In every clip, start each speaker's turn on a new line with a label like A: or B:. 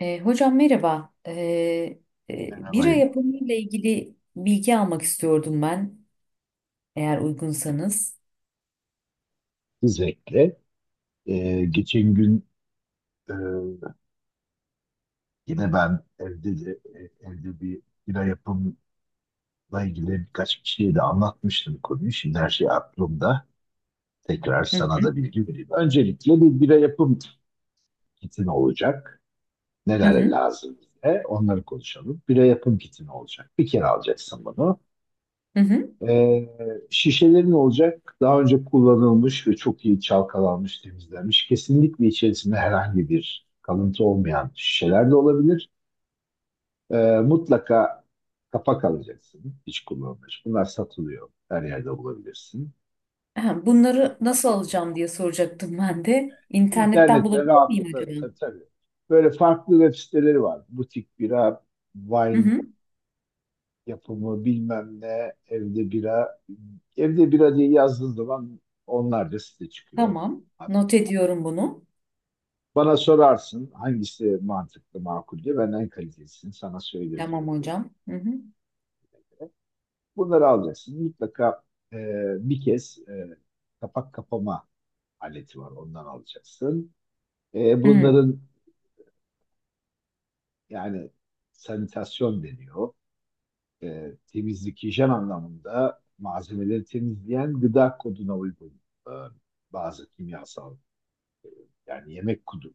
A: Hocam merhaba. Bira
B: Merhabayım.
A: yapımı ile ilgili bilgi almak istiyordum ben, eğer uygunsanız.
B: Özellikle geçen gün e, yine ben evde de, evde bir bira yapımla ilgili birkaç kişiye de anlatmıştım konuyu. Şimdi her şey aklımda. Tekrar
A: Hı
B: sana
A: hı,
B: da bilgi vereyim. Öncelikle bir bira yapım kiti ne olacak?
A: hı
B: Neler
A: hı,
B: lazım bize? Onları konuşalım. Bira yapım kiti ne olacak? Bir kere alacaksın bunu.
A: hı hı.
B: Ee, şişelerin olacak daha önce kullanılmış ve çok iyi çalkalanmış, temizlenmiş. Kesinlikle içerisinde herhangi bir kalıntı olmayan şişeler de olabilir. Mutlaka kapak alacaksın. Hiç kullanılmış. Bunlar satılıyor. Her yerde bulabilirsin.
A: Ha, bunları nasıl alacağım diye soracaktım ben de. İnternetten
B: İnternette
A: bulabilir miyim
B: rahatlıkla
A: acaba?
B: tabii, tabii. Böyle farklı web siteleri var. Butik bira,
A: Hı
B: wine
A: hı.
B: yapımı bilmem ne, evde bira. Evde bira diye yazdığın zaman onlarca site çıkıyor.
A: Tamam, not ediyorum bunu.
B: Bana sorarsın hangisi mantıklı, makul diye ben en kalitesini sana söylerim
A: Tamam
B: dedim.
A: hocam. Hı hı,
B: Bunları alacaksın. Mutlaka e, bir kez kapak kapama aleti var. Ondan alacaksın.
A: hı,
B: Bunların yani sanitasyon deniyor. Temizlik, hijyen anlamında malzemeleri temizleyen gıda koduna uygun e, bazı kimyasal. Yani yemek kudu,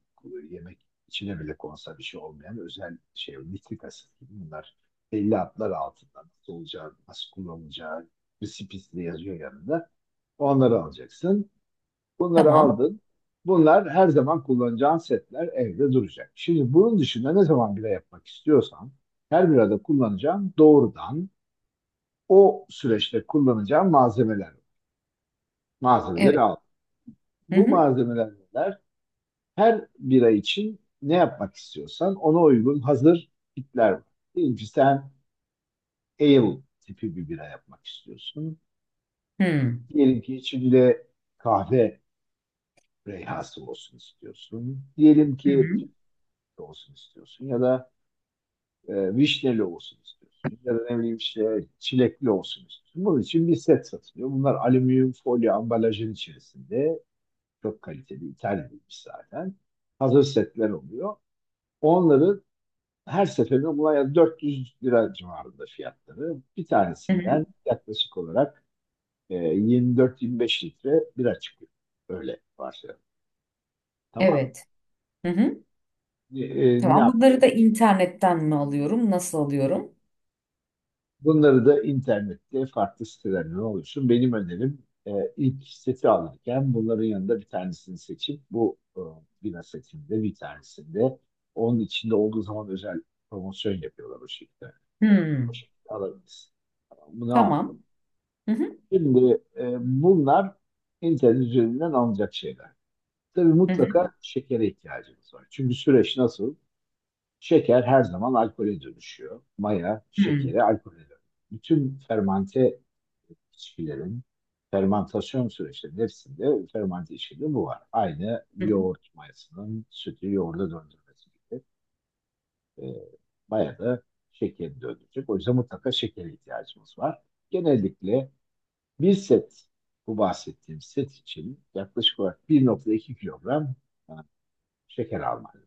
B: yemek içine bile konsa bir şey olmayan özel şey, nitrik asit gibi bunlar belli adlar altında nasıl olacağı, nasıl kullanılacağı, resipisi de yazıyor yanında. Onları alacaksın. Bunları
A: tamam.
B: aldın. Bunlar her zaman kullanacağın setler evde duracak. Şimdi bunun dışında ne zaman bira yapmak istiyorsan her birada kullanacağın doğrudan o süreçte kullanacağın malzemeler var. Malzemeleri
A: Evet.
B: al.
A: Hı
B: Bu
A: hı,
B: malzemeler neler? Her bira için ne yapmak istiyorsan ona uygun hazır kitler var. Diyelim ki sen ale tipi bir bira yapmak istiyorsun.
A: hı,
B: Diyelim ki içinde kahve reyhası olsun istiyorsun. Diyelim
A: hı
B: ki
A: hı,
B: tütlü olsun istiyorsun ya da vişneli olsun istiyorsun. Ya da ne bileyim işte çilekli olsun istiyorsun. Bunun için bir set satılıyor. Bunlar alüminyum folyo ambalajın içerisinde. Çok kaliteli, İtalya'ymış zaten. Hazır setler oluyor. Onları her seferinde buna 400 lira civarında fiyatları. Bir
A: hı hı.
B: tanesinden yaklaşık olarak 24-25 litre bira çıkıyor. Öyle varsayalım. Tamam.
A: Evet. Hı hı.
B: Ne
A: Tamam.
B: yaptık?
A: Bunları da internetten mi alıyorum? Nasıl alıyorum?
B: Bunları da internette farklı sitelerden oluşsun. Benim önerim ilk seti alırken bunların yanında bir tanesini seçip bu bira setinde bir tanesinde onun içinde olduğu zaman özel promosyon yapıyorlar o şekilde.
A: Hı,
B: O şekilde alabiliriz. Tamam, bunu al.
A: tamam. Hı hı.
B: Şimdi bunlar internet üzerinden alınacak şeyler. Tabii
A: Hı hı.
B: mutlaka şekere ihtiyacımız var. Çünkü süreç nasıl? Şeker her zaman alkole dönüşüyor. Maya
A: Hmm.
B: şekeri alkole dönüşüyor. Bütün fermante içkilerin fermantasyon süreçlerinin hepsinde fermante içkide bu var. Aynı
A: Hı hı.
B: yoğurt mayasının sütü yoğurda döndürmesi gibi. E, maya da şekeri döndürecek. O yüzden mutlaka şekere ihtiyacımız var. Genellikle bir set, bu bahsettiğim set için yaklaşık olarak 1.2 kilogram e, şeker almalıyım.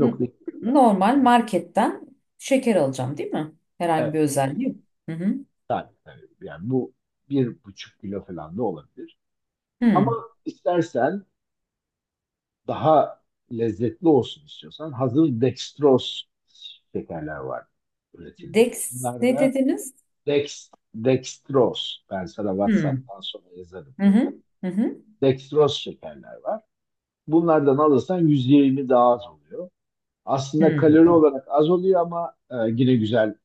A: N-
B: kilogram.
A: Normal marketten şeker alacağım değil mi? Herhangi bir
B: Evet.
A: özelliği yok. Hı hı.
B: Tabii, tabii. Yani bu bir buçuk kilo falan da olabilir. Ama
A: Hı.
B: istersen daha lezzetli olsun istiyorsan hazır dextroz şekerler var üretilmiş.
A: Dex
B: Bunlar
A: ne
B: da
A: dediniz?
B: dex, dextroz. Ben sana
A: Hmm.
B: WhatsApp'tan sonra yazarım.
A: Hı hı. Hı hı.
B: Dextroz şekerler var. Bunlardan alırsan 120 daha az oluyor. Aslında
A: Hmm.
B: kalori olarak az oluyor ama yine güzel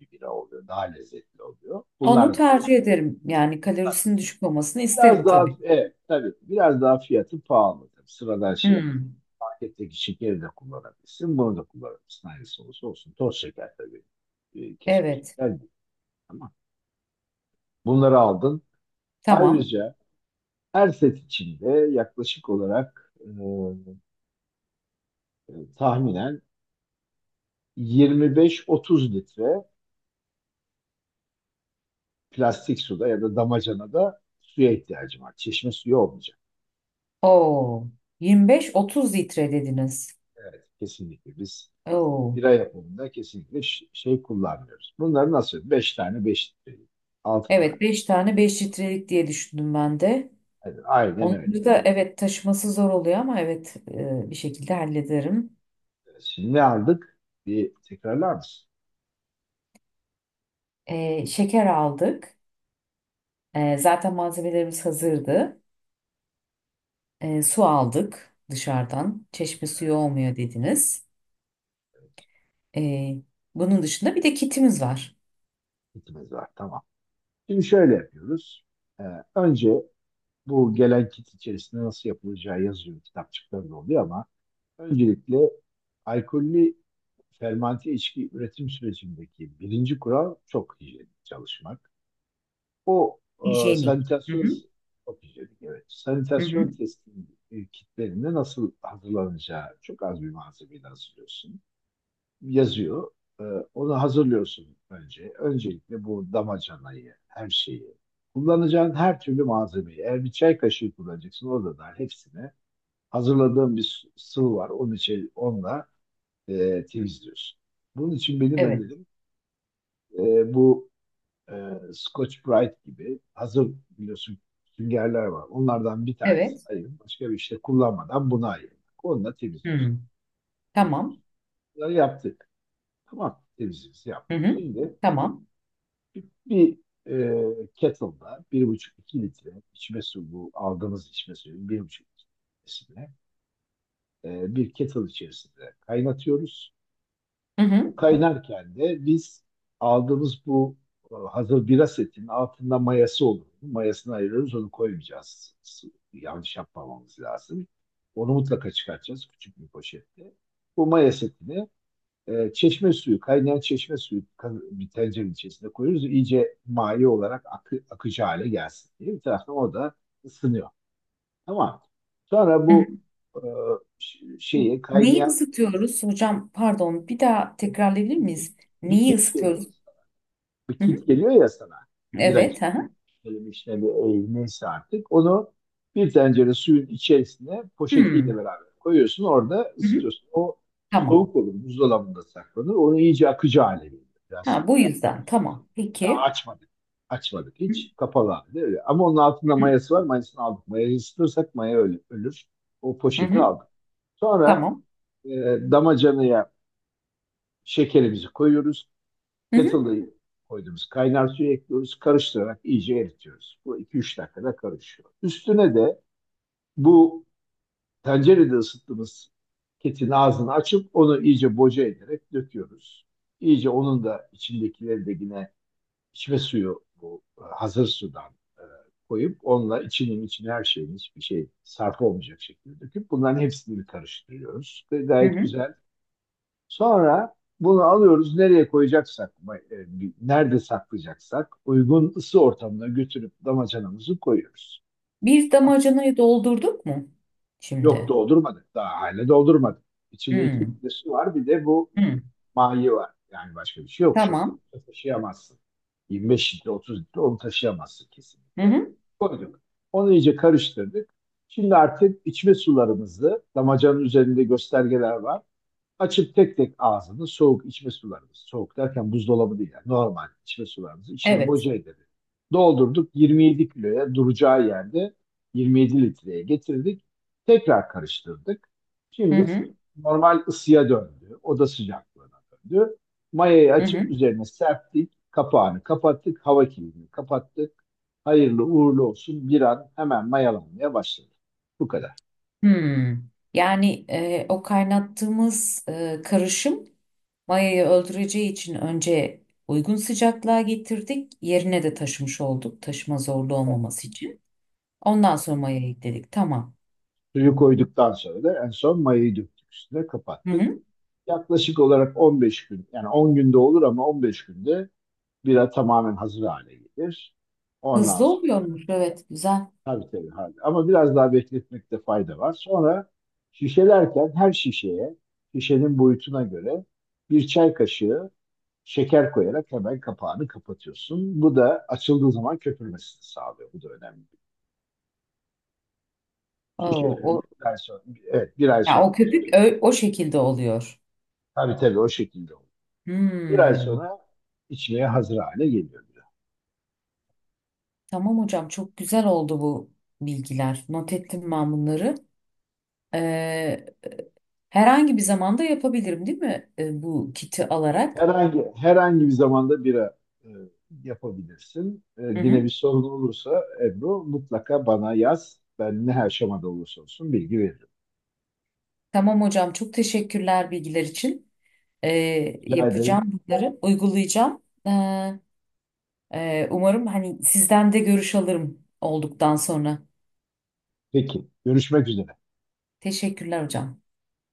B: bir bira oluyor. Daha lezzetli oluyor.
A: Onu
B: Bunlar
A: tercih ederim. Yani kalorisinin düşük olmasını isterim
B: biraz daha,
A: tabii.
B: evet, tabii biraz daha fiyatı pahalı. Tabii sıradan şey,
A: Hmm.
B: paketteki şekeri de kullanabilirsin. Bunu da kullanabilirsin. Hangisi olursa olsun. Toz şeker tabii. Kesme
A: Evet.
B: şeker değil. Ama bunları aldın.
A: Tamam.
B: Ayrıca her set içinde yaklaşık olarak tahminen 25-30 litre plastik suda ya da damacanada suya ihtiyacım var. Çeşme suyu olmayacak.
A: Oo. 25-30 litre dediniz.
B: Evet, kesinlikle biz
A: Oo.
B: bira yapımında kesinlikle şey kullanmıyoruz. Bunları nasıl? Beş tane, beş litre, altı tane.
A: Evet, beş tane beş litrelik diye düşündüm ben de.
B: Evet, aynen öyle.
A: Onları da evet taşıması zor oluyor ama evet bir şekilde hallederim.
B: Evet, şimdi ne aldık? Bir tekrarlar mısın?
A: Şeker aldık. Zaten malzemelerimiz hazırdı. Su aldık dışarıdan. Çeşme suyu olmuyor dediniz. E, Bunun dışında bir de kitimiz var.
B: Kitimiz var, tamam. Şimdi şöyle yapıyoruz. Ee, önce bu gelen kit içerisinde nasıl yapılacağı yazıyor. Kitapçıklarında oluyor ama öncelikle alkollü fermante içki üretim sürecindeki birinci kural çok hijyenik çalışmak. O
A: Hijyenik. Hı
B: sanitasyon
A: hı.
B: çok hijyenik, evet.
A: Hı
B: Sanitasyon
A: hı.
B: testinin kitlerinde nasıl hazırlanacağı çok az bir malzemeyle hazırlıyorsun. Yazıyor. E, onu hazırlıyorsun önce. Öncelikle bu damacanayı, her şeyi. Kullanacağın her türlü malzemeyi. Eğer bir çay kaşığı kullanacaksın orada da hepsine hazırladığım bir sıvı var. Onun için onunla temizliyorsun. Bunun için benim ben
A: Evet.
B: dedim, bu e, Scotch Brite gibi hazır biliyorsun süngerler var. Onlardan bir tanesi
A: Evet.
B: ayırın. Başka bir işte kullanmadan bunu ayırın. Onunla temizliyorsun.
A: Hı.
B: E,
A: Tamam.
B: bunları yaptık. Tamam, temizliğimizi
A: Hı
B: yaptık.
A: hı.
B: Şimdi
A: Tamam.
B: bir kettle'da bir buçuk iki litre içme suyu, bu aldığımız içme suyu 1,5 litresine bir kettle içerisinde kaynatıyoruz.
A: Hı hı.
B: O kaynarken de biz aldığımız bu hazır bira setinin altında mayası olur. Mayasını ayırıyoruz, onu koymayacağız. Yanlış yapmamamız lazım. Onu mutlaka çıkartacağız küçük bir poşette. Bu maya setini çeşme suyu, kaynayan çeşme suyu bir tencerenin içerisine koyuyoruz. İyice maye olarak akıcı hale gelsin diye. Bir taraftan o da ısınıyor. Tamam. Sonra
A: Hı hı.
B: bu e, şeyi
A: Neyi
B: kaynayan
A: ısıtıyoruz? Hocam pardon bir daha tekrarlayabilir
B: bir kek,
A: miyiz?
B: bir
A: Neyi
B: kek
A: ısıtıyoruz?
B: geliyor. Bir
A: Hı hı.
B: kit geliyor ya sana. Bira
A: Evet. Hı
B: kit.
A: hı.
B: Böyle bir işte bir neyse artık. Onu bir tencere suyun içerisine
A: Hı.
B: poşetiyle beraber koyuyorsun. Orada
A: Hı hı.
B: ısıtıyorsun. O
A: Tamam.
B: soğuk olur. Buzdolabında saklanır. Onu iyice akıcı hale geliyor. Biraz
A: Ha, bu yüzden. Tamam.
B: daha
A: Peki.
B: açmadık. Açmadık
A: Hı
B: hiç. Kapalı halde öyle. Ama onun altında
A: hı.
B: mayası var. Mayasını aldık. Mayayı ısıtırsak maya öyle, ölür. O
A: Hı
B: poşeti
A: hı.
B: aldık. Sonra
A: Tamam.
B: e, damacanaya şekerimizi koyuyoruz,
A: Hı hı,
B: kettle'ı koyduğumuz kaynar suyu ekliyoruz. Karıştırarak iyice eritiyoruz. Bu iki üç dakikada karışıyor. Üstüne de bu tencerede ısıttığımız ketin ağzını açıp onu iyice boca ederek döküyoruz. İyice onun da içindekileri de yine içme suyu, bu hazır sudan e, koyup onunla içinin içine her şeyin hiçbir şey sarf olmayacak şekilde döküp bunların hepsini karıştırıyoruz. Ve
A: hı
B: gayet
A: hı.
B: güzel. Sonra bunu alıyoruz nereye koyacaksak, e, nerede saklayacaksak uygun ısı ortamına götürüp damacanamızı koyuyoruz.
A: Bir damacanayı doldurduk mu
B: Yok,
A: şimdi?
B: doldurmadık, daha hala doldurmadık. İçinde iki
A: Hı,
B: litre su var bir de bu
A: hı.
B: mayi var. Yani başka bir şey yok şu an.
A: Tamam.
B: Taşıyamazsın. 25 litre, 30 litre onu taşıyamazsın
A: Hı
B: kesinlikle.
A: hı.
B: Koyduk. Onu iyice karıştırdık. Şimdi artık içme sularımızı, damacanın üzerinde göstergeler var. Açıp tek tek ağzını soğuk içme sularımız, soğuk derken buzdolabı değil yani normal içme sularımızı içine
A: Evet.
B: boca edelim. Doldurduk 27 kiloya duracağı yerde 27 litreye getirdik. Tekrar karıştırdık.
A: Hı
B: Şimdi
A: hı,
B: normal ısıya döndü. Oda sıcaklığına döndü. Mayayı
A: hı
B: açıp
A: hı.
B: üzerine serptik. Kapağını kapattık. Hava kilidini kapattık. Hayırlı uğurlu olsun. Bir an hemen mayalanmaya başladı. Bu kadar.
A: Hı. Yani o kaynattığımız karışım mayayı öldüreceği için önce uygun sıcaklığa getirdik. Yerine de taşımış olduk. Taşıma zorlu olmaması için. Ondan sonra mayayı ekledik. Tamam.
B: Suyu koyduktan sonra da en son mayayı döktük üstüne
A: Hı
B: kapattık.
A: hı.
B: Yaklaşık olarak 15 gün, yani 10 günde olur ama 15 günde bira tamamen hazır hale gelir. Ondan
A: Hızlı
B: sonra
A: oluyormuş. Evet, güzel.
B: tabii tabii hadi. Ama biraz daha bekletmekte fayda var. Sonra şişelerken her şişeye şişenin boyutuna göre bir çay kaşığı şeker koyarak hemen kapağını kapatıyorsun. Bu da açıldığı zaman köpürmesini sağlıyor. Bu da önemli.
A: Oo, o,
B: Şişeleri bir ay sonra, evet bir ay
A: ya
B: sonra.
A: o köpük o şekilde oluyor.
B: Tabii tabii o şekilde oluyor. Bir ay
A: Hmm.
B: sonra içmeye hazır hale geliyor bira.
A: Tamam hocam, çok güzel oldu bu bilgiler. Not ettim ben bunları. Ee, Herhangi bir zamanda yapabilirim değil mi, bu kiti alarak?
B: Herhangi bir zamanda bira e, yapabilirsin.
A: Hı
B: Yine
A: hı.
B: bir sorun olursa Ebru mutlaka bana yaz. Ben ne aşamada olursa olsun bilgi veririm.
A: Tamam hocam, çok teşekkürler bilgiler için.
B: Rica ederim.
A: Yapacağım bunları, uygulayacağım. Umarım hani sizden de görüş alırım olduktan sonra.
B: Peki. Görüşmek üzere.
A: Teşekkürler hocam.